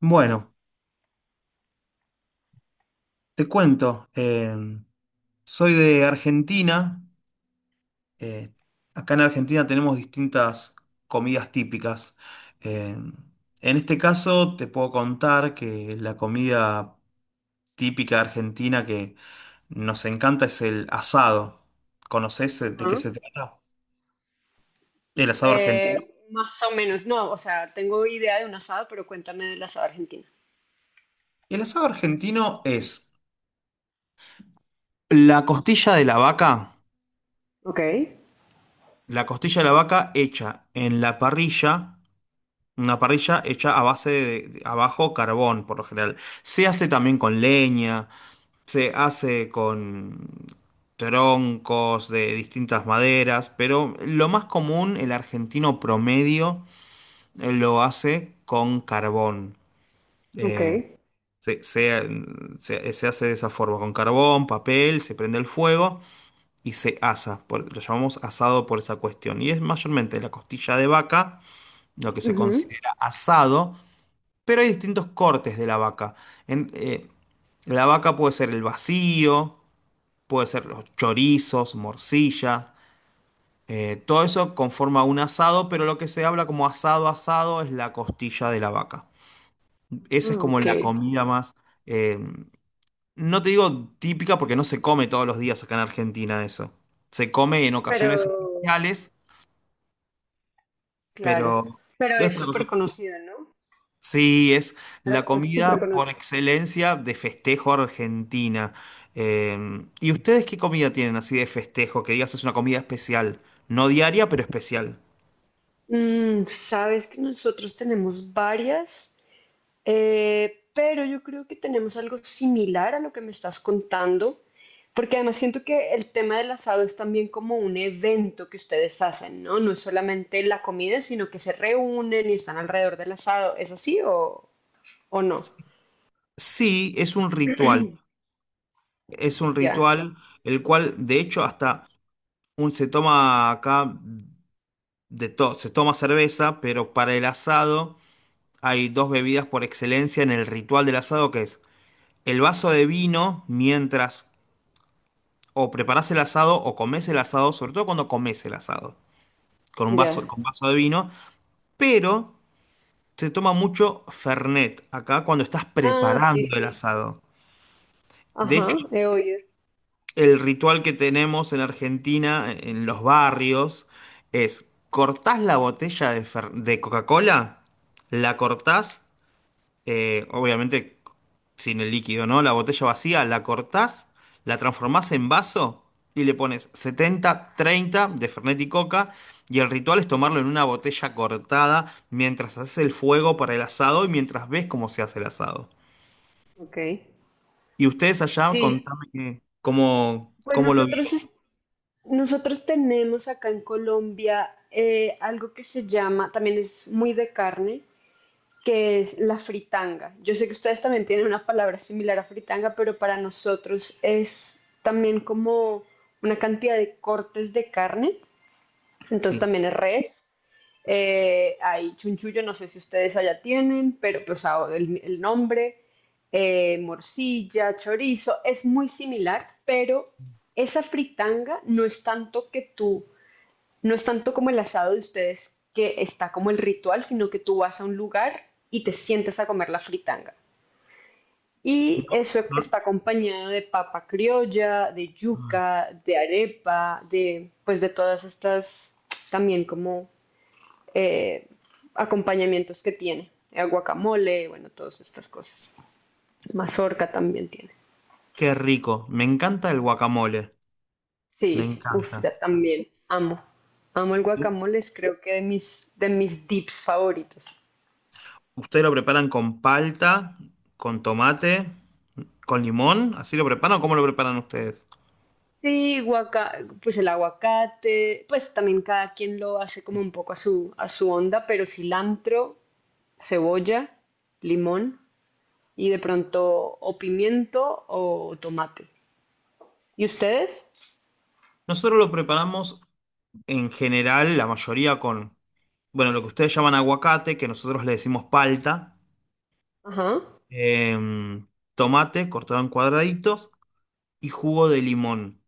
Bueno, te cuento, soy de Argentina, eh, acá en Argentina tenemos distintas comidas típicas. Em, en este caso te puedo contar que la comida típica argentina que nos encanta es el asado. ¿Conoces de Ajá. qué se trata? El asado argentino. Más o menos, no, o sea, tengo idea de un asado, pero cuéntame del asado argentino. El asado argentino es la costilla de la vaca, Ok, la costilla de la vaca hecha en la parrilla. Una parrilla hecha a base de, abajo carbón, por lo general. Se hace también con leña, se hace con troncos de distintas maderas, pero lo más común, el argentino promedio, lo hace con carbón. ok. Eh, se, se- se hace de esa forma, con carbón, papel, se prende el fuego y se asa. Lo llamamos asado por esa cuestión. Y es mayormente la costilla de vaca, lo que se Ujú. considera asado, pero hay distintos cortes de la vaca. En- eh, la vaca puede ser el vacío, puede ser los chorizos, morcilla. Todo eso conforma un asado, pero lo que se habla como asado asado es la costilla de la vaca. Esa es Ah, como ok. la comida más, eh, no te digo típica porque no se come todos los días acá en Argentina eso. Se come en Pero, ocasiones especiales, claro, pero pero es es una cosa. súper conocido, ¿no? Sí, es la Argentina es súper comida por conocido. excelencia de festejo argentina. Eh, ¿Y ustedes qué comida tienen así de festejo? Que digas es una comida especial, no diaria, pero especial. Sabes que nosotros tenemos varias. Pero yo creo que tenemos algo similar a lo que me estás contando, porque además siento que el tema del asado es también como un evento que ustedes hacen, ¿no? No es solamente la comida, sino que se reúnen y están alrededor del asado. ¿Es así o no? Sí, es un ritual. Es un Ya, ritual el cual, de hecho, hasta se toma acá de todo, se toma cerveza, pero para el asado hay dos bebidas por excelencia en el ritual del asado, que es el vaso de vino mientras o preparás el asado o comés el asado, sobre todo cuando comés el asado, con un ya. vaso, con vaso de vino, pero se toma mucho Fernet acá cuando estás Ah, sí, preparando el sí. asado. De hecho, Ajá, he oído. el ritual que tenemos en Argentina, en los barrios, es cortás la botella de Coca-Cola, la cortás, obviamente sin el líquido, ¿no? La botella vacía, la cortás, la transformás en vaso y le pones 70/30 de Fernet y Coca. Y el ritual es tomarlo en una botella cortada mientras haces el fuego para el asado y mientras ves cómo se hace el asado. Ok. Y ustedes allá, Sí, contame que- cómo, pues cómo lo nosotros, viven. es- nosotros tenemos acá en Colombia algo que se llama, también es muy de carne, que es la fritanga. Yo sé que ustedes también tienen una palabra similar a fritanga, pero para nosotros es también como una cantidad de cortes de carne, entonces Sí. también es res. Hay chunchullo, no sé si ustedes allá tienen, pero pues ah, el nombre, morcilla, chorizo, es muy similar, pero esa fritanga no es tanto que tú no es tanto como el asado de ustedes que está como el ritual, sino que tú vas a un lugar y te sientas a comer la fritanga. Y eso está acompañado de papa criolla, de Ay. yuca, de arepa, de pues de todas estas también como eh, acompañamientos que tiene. El guacamole, bueno, todas estas cosas. Mazorca también tiene. Qué rico. Me encanta el guacamole. Me Sí, uff, encanta. también amo. Amo el U- guacamole, es creo que de de mis dips favoritos. Ustedes lo preparan con palta, con tomate. ¿Con limón? ¿Así lo preparan o cómo lo preparan ustedes? Sí, pues el aguacate, pues también cada quien lo hace como un poco a a su onda, pero cilantro, cebolla, limón y de pronto o pimiento o tomate. ¿Y ustedes? Nosotros lo preparamos en general, la mayoría con, bueno, lo que ustedes llaman aguacate, que nosotros le decimos palta, Ajá, em, tomate cortado en cuadraditos y jugo de limón.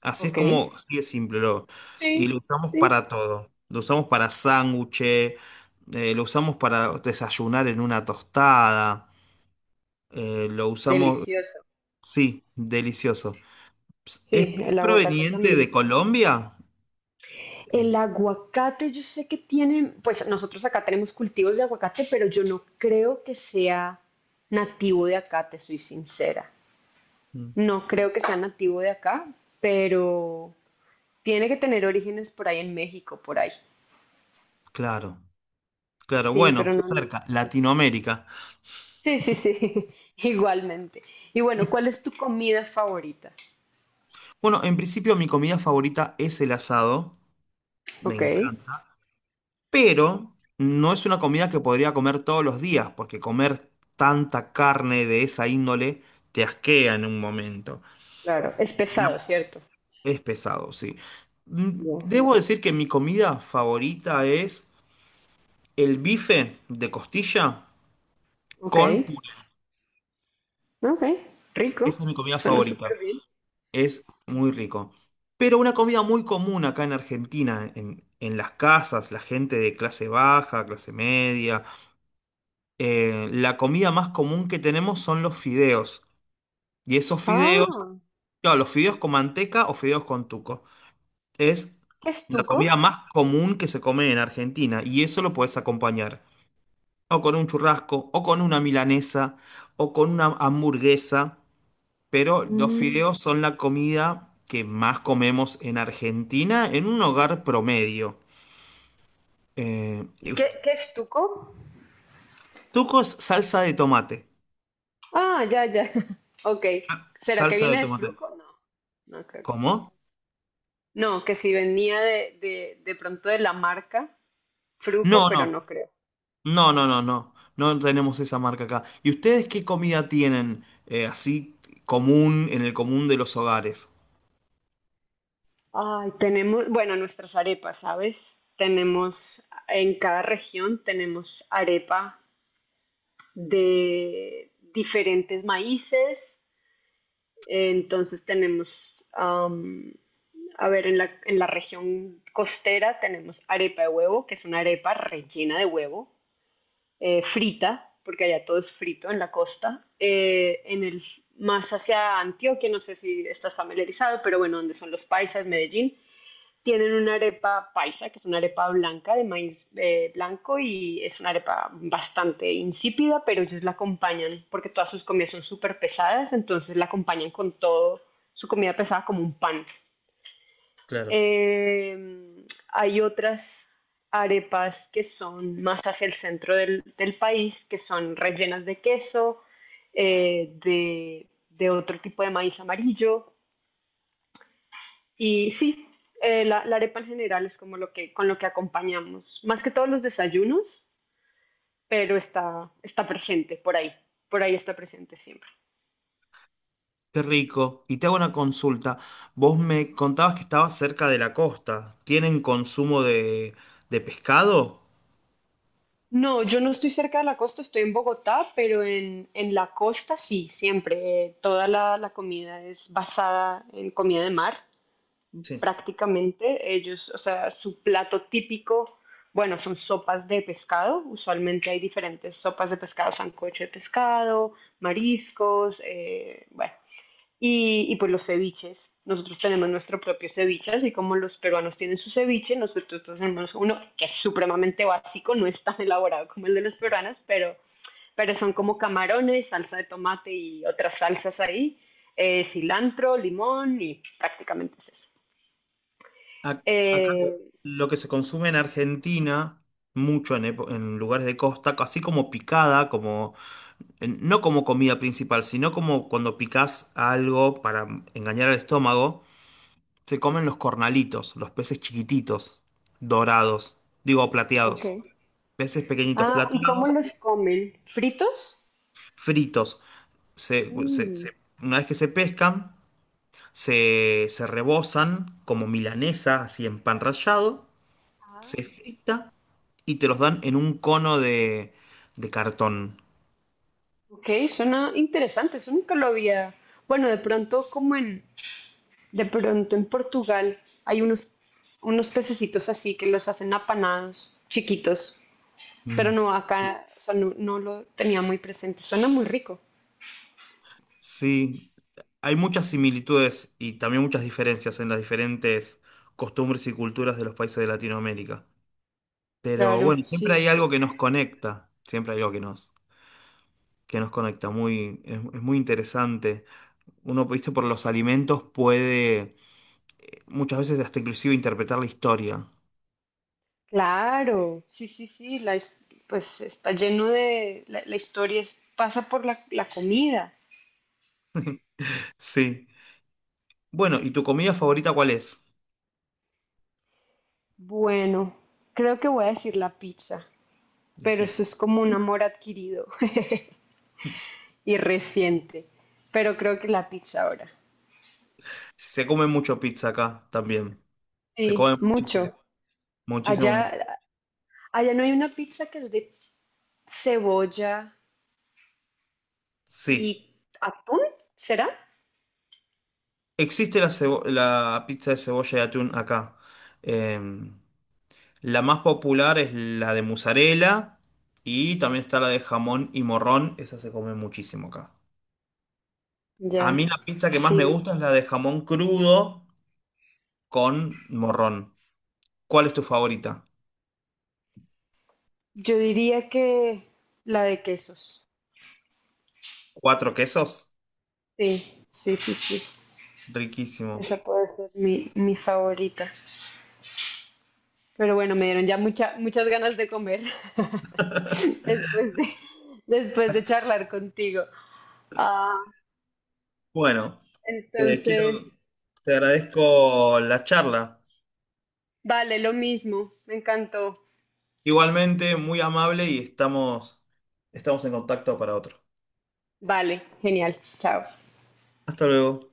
Así es ok. como, así es simple. Y lo Sí, usamos sí. para todo. Lo usamos para sándwiches, lo usamos para desayunar en una tostada, lo usamos, Delicioso. sí, delicioso. ¿Es, Sí, es el aguacate proveniente también. de Colombia? El aguacate, yo sé que tienen, pues nosotros acá tenemos cultivos de aguacate, pero yo no creo que sea nativo de acá, te soy sincera. Mm. No creo que sea nativo de acá, pero tiene que tener orígenes por ahí en México, por ahí. Claro, claro, Sí, bueno, pero no, no lo cerca, tengo. Latinoamérica. Sí, sí, sí, igualmente. Y bueno, ¿cuál es tu comida favorita? Bueno, en principio mi comida favorita es el asado, me Ok, encanta, pero no es una comida que podría comer todos los días, porque comer tanta carne de esa índole te asquea en un momento. claro. Es Ya. pesado, ¿cierto? Es pesado, sí. Ya. Debo decir que mi comida favorita es el bife de costilla Ok, con puré. ok, rico. Esa es mi comida Suena súper favorita. bien. Es muy rico. Pero una comida muy común acá en Argentina, en las casas, la gente de clase baja, clase media, la comida más común que tenemos son los fideos. Y esos fideos, Ah, claro, los fideos con manteca o fideos con tuco. Es ¿qué es la comida tuco? más común que se come en Argentina. Y eso lo puedes acompañar o con un churrasco, o con una milanesa, o con una hamburguesa. Pero los Mm, fideos son la comida que más comemos en Argentina en un hogar promedio. Eh, y ¿Y qué, ust- qué es tuco? Tuco es salsa de tomate. Ah, ya, ya. Ok. ¿Será que Salsa de viene de tomate. fruco? No, no creo que. ¿Cómo? No, que si venía de, de pronto de la marca Fruco, No, pero no, no creo. no, no, no, no. No tenemos esa marca acá. ¿Y ustedes qué comida tienen así común en el común de los hogares? Ay, tenemos, bueno, nuestras arepas, ¿sabes? Tenemos, en cada región tenemos arepa de diferentes maíces. Entonces tenemos, am, a ver, en en la región costera tenemos arepa de huevo, que es una arepa rellena de huevo. Frita, porque allá todo es frito en la costa, más hacia Antioquia, no sé si estás familiarizado, pero bueno, donde son los paisas, Medellín, tienen una arepa paisa, que es una arepa blanca de maíz blanco y es una arepa bastante insípida, pero ellos la acompañan porque todas sus comidas son súper pesadas, entonces la acompañan con todo su comida pesada como un pan. Claro. Eh, Hay otras arepas que son más hacia el centro del país, que son rellenas de queso, de otro tipo de maíz amarillo. Y sí, la arepa en general es como lo que, con lo que acompañamos, más que todos los desayunos, pero está, está presente por ahí está presente siempre. Qué rico. Y te hago una consulta. Vos me contabas que estabas cerca de la costa. ¿Tienen consumo de pescado? No, yo no estoy cerca de la costa, estoy en Bogotá, pero en la costa sí, siempre. Toda la comida es basada en comida de mar, Sí. prácticamente. Ellos, o sea, su plato típico, bueno, son sopas de pescado. Usualmente hay diferentes sopas de pescado, sancocho de pescado, mariscos, bueno, y pues los ceviches. Nosotros tenemos nuestro propio ceviche, así como los peruanos tienen su ceviche, nosotros tenemos uno que es supremamente básico, no es tan elaborado como el de los peruanos, pero son como camarones, salsa de tomate y otras salsas ahí, cilantro, limón y prácticamente es eso. Ac- Acá Eh, lo que se consume en Argentina, mucho en lugares de costa, así como picada, como no como comida principal, sino como cuando picás algo para engañar al estómago, se comen los cornalitos, los peces chiquititos, dorados, digo plateados, ok. peces pequeñitos Ah, ¿y cómo plateados, los comen? ¿Fritos? fritos. Mm, Una vez que se pescan, se rebozan como milanesa, así en pan rallado, Ah, se frita y te los dan en un cono de cartón. ok, suena interesante, eso nunca lo había. Bueno, de pronto como en, de pronto en Portugal hay unos, unos pececitos así que los hacen apanados, chiquitos, pero Mm. no acá, o sea, no, no lo tenía muy presente. Suena muy rico. Sí, hay muchas similitudes y también muchas diferencias en las diferentes costumbres y culturas de los países de Latinoamérica. Pero Claro, bueno, siempre sí. hay algo que nos conecta, siempre hay algo que nos conecta, es muy interesante. Uno, viste, por los alimentos puede muchas veces hasta inclusive interpretar la historia. Claro, sí, sí, sí. Pues está lleno de, la historia pasa por la comida. Sí. Bueno, ¿y tu comida favorita cuál es? Bueno, creo que voy a decir la pizza, La pero eso pizza. es como un amor adquirido y reciente. Pero creo que la pizza ahora. Se come mucho pizza acá también. Se come Sí, muchísimo. mucho. Muchísimo. Allá, Allá no hay una pizza que es de cebolla Sí, y atún, ¿será? existe la pizza de cebolla y atún acá. Em, la más popular es la de mozzarella y también está la de jamón y morrón. Esa se come muchísimo acá. Ya, A mí la pizza que más me sí. gusta es la de jamón crudo con morrón. ¿Cuál es tu favorita? Yo diría que la de quesos. ¿Cuatro quesos? Sí, sí, sí, sí. Riquísimo. Esa puede ser mi favorita. Pero bueno, me dieron ya muchas ganas de comer después de, después de charlar contigo. Ah, Bueno, eh, quiero, entonces, te agradezco la charla. vale, lo mismo. Me encantó. Igualmente, muy amable y estamos en contacto para otro. Vale, genial. Chao. Hasta luego.